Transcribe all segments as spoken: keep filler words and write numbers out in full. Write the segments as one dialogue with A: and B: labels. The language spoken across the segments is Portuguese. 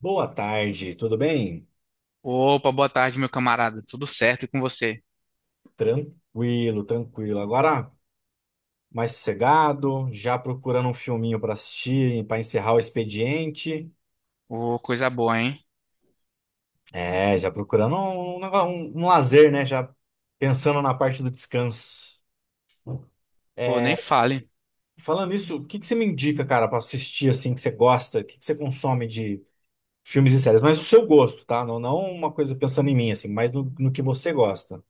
A: Boa tarde, tudo bem?
B: Opa, boa tarde, meu camarada. Tudo certo e com você?
A: Tranquilo, tranquilo. Agora mais sossegado, já procurando um filminho para assistir, para encerrar o expediente.
B: Ô, coisa boa, hein?
A: É, já procurando um, nego- um- um lazer, né? Já pensando na parte do descanso.
B: Pô,
A: É,
B: nem fale.
A: falando isso, o que que você me indica, cara, para assistir assim que você gosta, o que que você consome de filmes e séries? Mas o seu gosto, tá? Não, não uma coisa pensando em mim, assim, mas no, no que você gosta.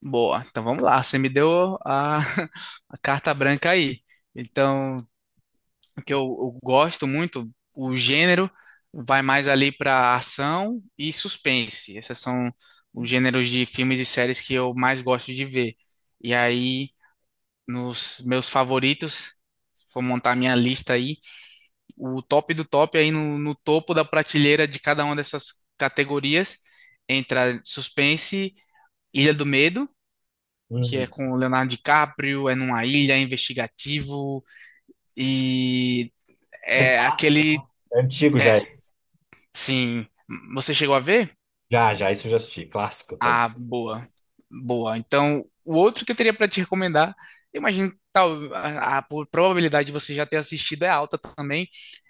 B: Boa, então vamos lá. Você me deu a, a carta branca aí. Então, o que eu, eu gosto muito, o gênero vai mais ali para ação e suspense. Esses são os gêneros de filmes e séries que eu mais gosto de ver. E aí, nos meus favoritos, se for montar minha lista aí. O top do top aí no, no topo da prateleira de cada uma dessas categorias entra Suspense, Ilha do Medo, que é
A: Hum,
B: com o Leonardo DiCaprio, é numa ilha, é investigativo e
A: isso é
B: é
A: clássico, tá?
B: aquele,
A: É antigo
B: é,
A: já é.
B: sim, você chegou a ver?
A: Já, já, isso eu já assisti. Clássico. Tá?
B: Ah, boa. Boa. Então, o outro que eu teria para te recomendar, eu imagino que tal, a, a probabilidade de você já ter assistido é alta também,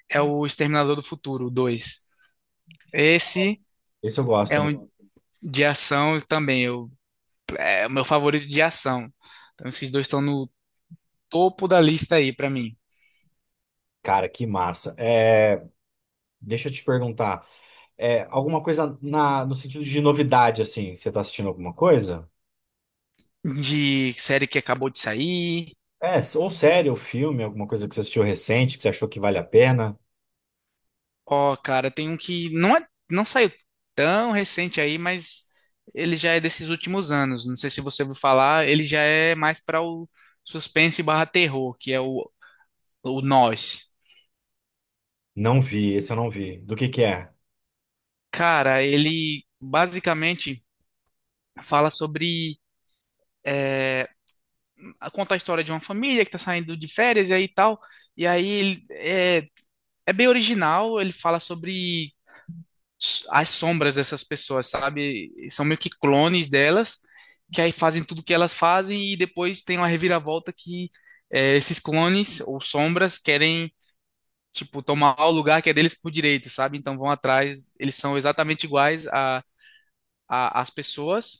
B: é o Exterminador do Futuro dois. Esse
A: Esse eu gosto
B: é
A: também.
B: um. De ação também, eu, é o meu favorito de ação. Então, esses dois estão no topo da lista aí pra mim.
A: Cara, que massa. É, deixa eu te perguntar. É, alguma coisa na, no sentido de novidade, assim? Você tá assistindo alguma coisa?
B: De série que acabou de sair.
A: É, ou série, ou filme, alguma coisa que você assistiu recente, que você achou que vale a pena?
B: Ó, cara, tem um que não é, não saiu tão recente aí, mas ele já é desses últimos anos. Não sei se você ouviu falar, ele já é mais para o suspense barra terror, que é o, o Nós.
A: Não vi, esse eu não vi. Do que que é?
B: Cara, ele basicamente fala sobre. é, Conta a história de uma família que tá saindo de férias e aí tal. E aí ele é, é bem original, ele fala sobre s- as sombras dessas pessoas, sabe? São meio que clones delas, que aí fazem tudo que elas fazem e depois tem uma reviravolta que é, esses clones ou sombras querem, tipo, tomar o lugar que é deles por direito, sabe? Então vão atrás, eles são exatamente iguais a a- as pessoas,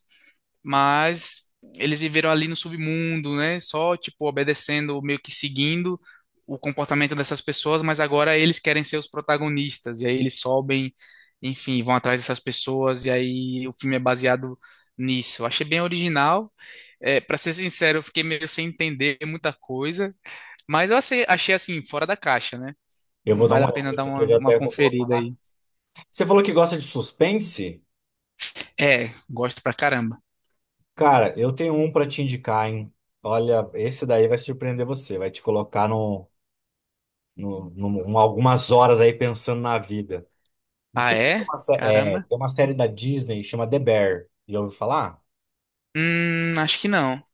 B: mas eles viveram ali no submundo, né? Só, tipo, obedecendo, meio que seguindo o comportamento dessas pessoas, mas agora eles querem ser os protagonistas, e aí eles sobem, enfim, vão atrás dessas pessoas, e aí o filme é baseado nisso. Eu achei bem original. É, para ser sincero, eu fiquei meio sem entender muita coisa, mas eu achei, achei assim, fora da caixa, né?
A: Eu vou dar
B: Vale
A: uma
B: a
A: olhada.
B: pena dar
A: Esse aqui
B: uma,
A: eu já
B: uma
A: até vou colocar
B: conferida
A: na
B: aí.
A: lista. Você falou que gosta de suspense?
B: É, gosto pra caramba.
A: Cara, eu tenho um pra te indicar, hein? Olha, esse daí vai surpreender você. Vai te colocar no, no, no- um- algumas horas aí pensando na vida. Não
B: Ah,
A: sei se tem
B: é?
A: uma, sé- é,
B: Caramba.
A: tem uma série da Disney chama The Bear. Já ouviu falar?
B: Hum, acho que não.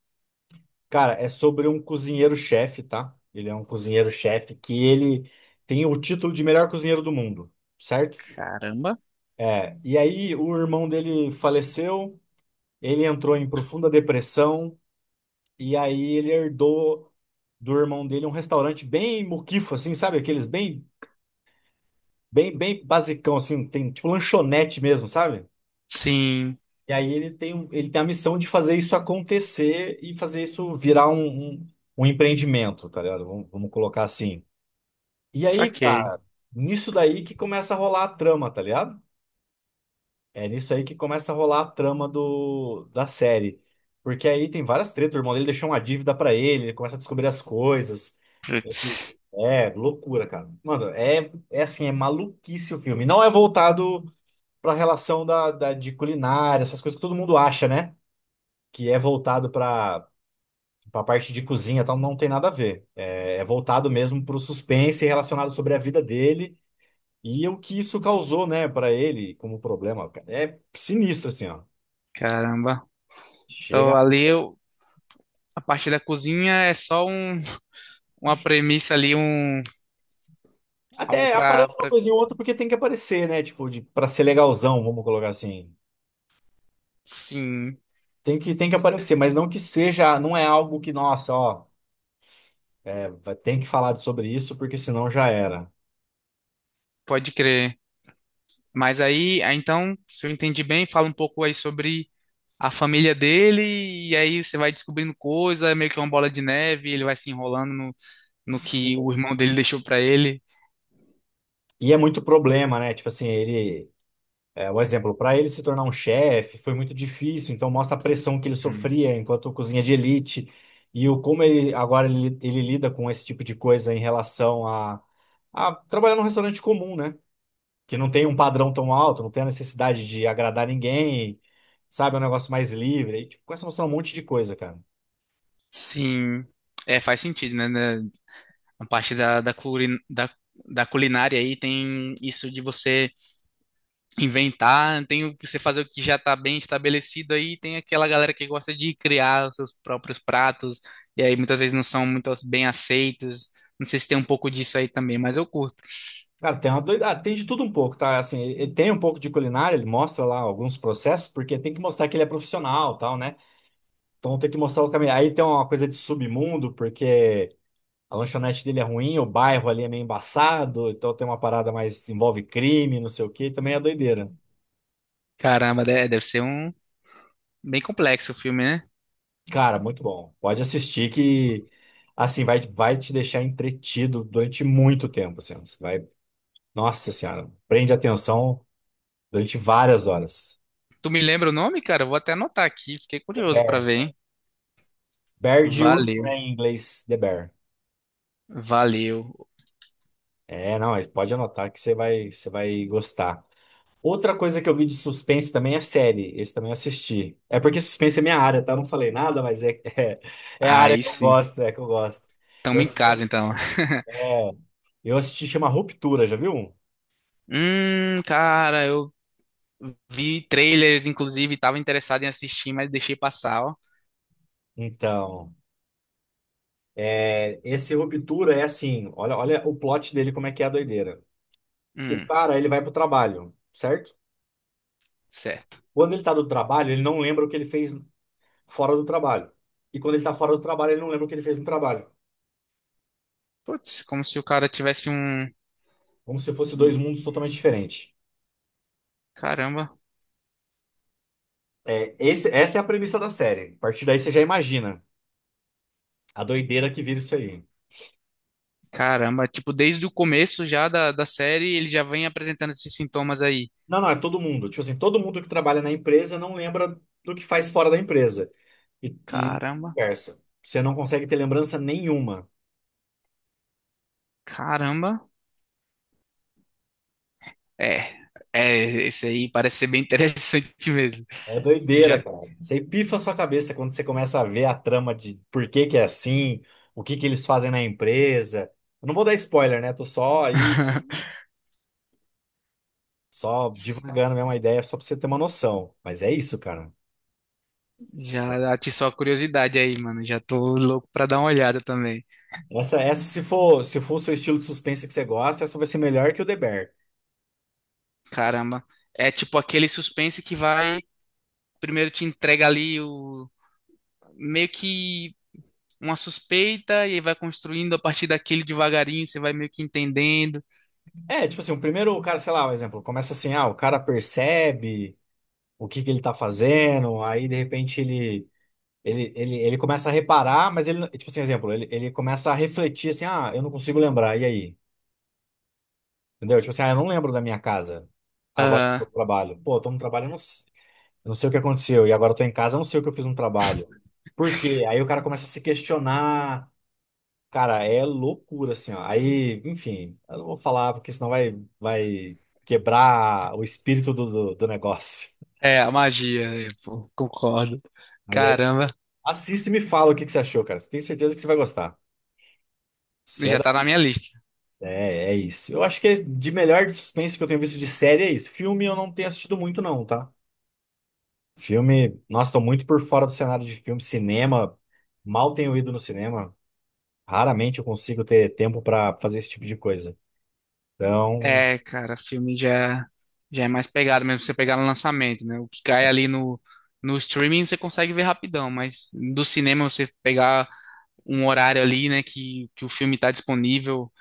A: Cara, é sobre um cozinheiro-chefe, tá? Ele é um cozinheiro-chefe que ele tem o título de melhor cozinheiro do mundo, certo?
B: Caramba.
A: É, e aí o irmão dele faleceu, ele entrou em profunda depressão, e aí ele herdou do irmão dele um restaurante bem muquifo, assim, sabe? Aqueles bem, bem, bem basicão, assim, tem tipo lanchonete mesmo, sabe?
B: Sim,
A: E aí ele tem, um- ele tem a missão de fazer isso acontecer e fazer isso virar um, um, um empreendimento, tá ligado? Vamos, vamos colocar assim. E aí,
B: saquei.
A: cara, nisso daí que começa a rolar a trama, tá ligado? É nisso aí que começa a rolar a trama do, da série. Porque aí tem várias tretas, o irmão dele deixou uma dívida pra ele, ele começa a descobrir as coisas.
B: Putz,
A: É, loucura, cara. Mano, é, é assim, é maluquice o filme. Não é voltado pra relação da, da, de culinária, essas coisas que todo mundo acha, né? Que é voltado para a parte de cozinha, então não tem nada a ver. É, é voltado mesmo para o suspense relacionado sobre a vida dele e o que isso causou, né, para ele como problema. Cara. É sinistro assim, ó.
B: caramba. Então
A: Chega
B: ali eu, a parte da cozinha é só um, uma premissa ali, um algo
A: até
B: pra,
A: aparece uma
B: pra...
A: coisinha ou outra porque tem que aparecer, né? Tipo, de, para ser legalzão, vamos colocar assim.
B: Sim,
A: Tem que, tem que aparecer, mas não que seja, não é algo que, nossa, ó, é, vai- tem que falar sobre isso, porque senão já era.
B: pode crer. Mas aí, aí, então, se eu entendi bem, fala um pouco aí sobre a família dele, e aí você vai descobrindo coisa, é meio que uma bola de neve, ele vai se enrolando no, no que o
A: Sim.
B: irmão dele deixou pra ele.
A: E é muito problema, né? Tipo assim, ele, é, um exemplo, para ele se tornar um chefe foi muito difícil, então mostra a pressão que ele
B: Uhum.
A: sofria enquanto cozinha de elite e o como ele agora ele, ele lida com esse tipo de coisa em relação a, a trabalhar num restaurante comum, né? Que não tem um padrão tão alto, não tem a necessidade de agradar ninguém, sabe? É um negócio mais livre. E, tipo, começa a mostrar um monte de coisa, cara.
B: Sim. É, faz sentido, né? né? A parte da, da, culin- da, da culinária aí tem isso de você inventar, tem o que você fazer o que já está bem estabelecido aí, tem aquela galera que gosta de criar os seus próprios pratos, e aí muitas vezes não são muito bem aceitos. Não sei se tem um pouco disso aí também, mas eu curto.
A: Cara, tem uma doida... ah, tem de tudo um pouco, tá? Assim, ele tem um pouco de culinária, ele mostra lá alguns processos, porque tem que mostrar que ele é profissional, tal, né? Então tem que mostrar o caminho. Aí tem uma coisa de submundo, porque a lanchonete dele é ruim, o bairro ali é meio embaçado, então tem uma parada mais envolve crime, não sei o quê, também é doideira.
B: Caramba, de- deve ser um bem complexo o filme, né?
A: Cara, muito bom. Pode assistir que assim vai, vai te deixar entretido durante muito tempo, assim. Você vai, nossa senhora, prende atenção durante várias horas.
B: Tu me lembra o nome, cara? Eu vou até anotar aqui, fiquei
A: The
B: curioso pra
A: Bear.
B: ver, hein?
A: Bear de urso, né,
B: Valeu,
A: em inglês, The Bear.
B: valeu.
A: É, não, mas pode anotar que você vai, você vai gostar. Outra coisa que eu vi de suspense também é série. Esse também eu assisti. É porque suspense é minha área, tá? Eu não falei nada, mas é, é, é a área
B: Aí
A: que eu
B: sim.
A: gosto, é que eu gosto. Eu
B: Tamo em
A: assisti, um-
B: casa então.
A: é, eu assisti chama Ruptura, já viu?
B: Hum, cara, eu vi trailers, inclusive, estava interessado em assistir, mas deixei passar, ó.
A: Então, é, esse Ruptura é assim, olha, olha o plot dele, como é que é a doideira. O
B: Hum,
A: cara, ele vai pro trabalho, certo?
B: certo.
A: Quando ele tá do trabalho, ele não lembra o que ele fez fora do trabalho. E quando ele tá fora do trabalho, ele não lembra o que ele fez no trabalho.
B: Putz, como se o cara tivesse um.
A: Como se fosse dois
B: um-
A: mundos totalmente diferentes.
B: Caramba,
A: É, esse- essa é a premissa da série. A partir daí você já imagina a doideira que vira isso aí.
B: caramba. Tipo, desde o começo já da, da série, ele já vem apresentando esses sintomas aí.
A: Não, não, é todo mundo. Tipo assim, todo mundo que trabalha na empresa não lembra do que faz fora da empresa. E, e
B: Caramba,
A: vice-versa. Você não consegue ter lembrança nenhuma.
B: caramba. É, é, esse aí parece ser bem interessante mesmo.
A: É
B: Eu já,
A: doideira, cara. Você pifa a sua cabeça quando você começa a ver a trama de por que que é assim, o que que eles fazem na empresa. Eu não vou dar spoiler, né? Tô só aí, só divagando mesmo a ideia, só pra você ter uma noção. Mas é isso, cara.
B: já atiçou a curiosidade aí, mano. Já tô louco pra dar uma olhada também.
A: Essa, essa se for, se for o seu estilo de suspense que você gosta, essa vai ser melhor que o The Bear.
B: Caramba. É tipo aquele suspense que vai. Primeiro te entrega ali o meio que uma suspeita e aí vai construindo a partir daquele devagarinho, você vai meio que entendendo.
A: É, tipo assim, o primeiro, o cara, sei lá, um exemplo, começa assim, ah, o cara percebe o que que ele tá fazendo, aí de repente ele, ele, ele, ele começa a reparar, mas ele, não- tipo assim, exemplo, ele, ele começa a refletir assim, ah, eu não consigo lembrar, e aí? Entendeu? Tipo assim, ah, eu não lembro da minha casa, agora eu tô
B: Aham.
A: no trabalho. Pô, eu tô no trabalho, eu não, s- eu não sei o que aconteceu, e agora eu tô em casa, eu não sei o que eu fiz no trabalho. Por quê? Aí o cara começa a se questionar, cara, é loucura, assim, ó. Aí, enfim, eu não vou falar, porque senão vai, vai quebrar o espírito do, do, do negócio.
B: É, a magia, é, pô, concordo.
A: Mas aí,
B: Caramba,
A: assista e me fala o que que você achou, cara. Tenho certeza que você vai gostar. Se é,
B: já tá
A: da...
B: na minha lista.
A: é, é isso. Eu acho que é de melhor de suspense que eu tenho visto de série é isso. Filme eu não tenho assistido muito, não, tá? Filme, nossa, tô muito por fora do cenário de filme. Cinema, mal tenho ido no cinema. Raramente eu consigo ter tempo pra fazer esse tipo de coisa. Então.
B: É, cara, filme já, já é mais pegado mesmo, você pegar no lançamento, né? O que cai ali no, no streaming você consegue ver rapidão, mas do cinema você pegar um horário ali, né, que, que o filme tá disponível,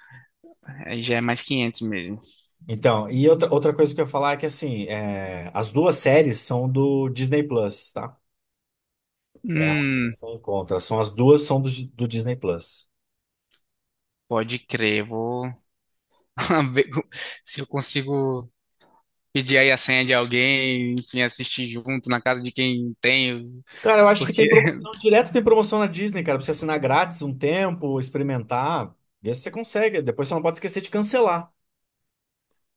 B: aí já é mais quinhentos mesmo.
A: Então, e outra, outra coisa que eu ia falar é que, assim, é, as duas séries são do Disney Plus, tá? É onde
B: Hum,
A: você encontra. São as duas são do, do Disney Plus.
B: pode crer, vou. ver se eu consigo pedir aí a senha de alguém, enfim, assistir junto na casa de quem tem,
A: Cara, eu acho que tem
B: porque
A: promoção, direto tem promoção na Disney, cara, pra você assinar grátis um tempo, experimentar, ver se você consegue. Depois você não pode esquecer de cancelar.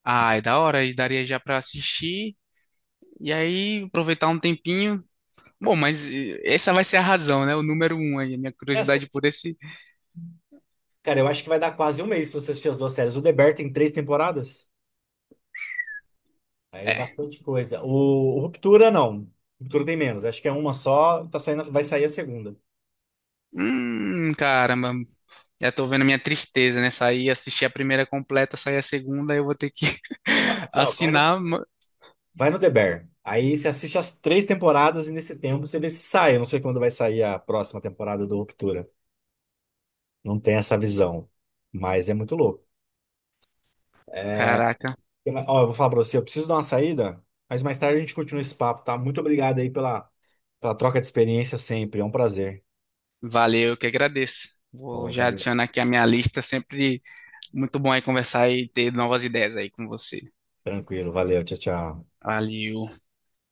B: ah, é da hora e daria já pra assistir e aí aproveitar um tempinho. Bom, mas eh, essa vai ser a razão, né? O número um aí, a minha
A: Essa,
B: curiosidade por esse
A: cara, eu acho que vai dar quase um mês se você assistir as duas séries. O The Bear tem três temporadas, aí é
B: é.
A: bastante coisa. O, o Ruptura, não. Ruptura tem menos, acho que é uma só, tá saindo, vai sair a segunda.
B: Hum, caramba. Já tô vendo a minha tristeza, né? Sair, assistir a primeira completa, sair a segunda, eu vou ter que
A: Assim, ó, vai no
B: assinar. ma-
A: vai no The Bear. Aí você assiste as três temporadas e nesse tempo você vê se sai. Eu não sei quando vai sair a próxima temporada do Ruptura. Não tem essa visão. Mas é muito louco.
B: Caraca,
A: Eu- ó, eu vou falar pra você, eu preciso dar uma saída, mas mais tarde a gente continua esse papo, tá? Muito obrigado aí pela, pela troca de experiência sempre. É um prazer.
B: valeu, eu que agradeço. Vou
A: Ó,
B: já
A: valeu.
B: adicionar aqui a minha lista sempre. Muito bom aí conversar e ter novas ideias aí com você.
A: Tranquilo, valeu. Tchau, tchau.
B: Valeu.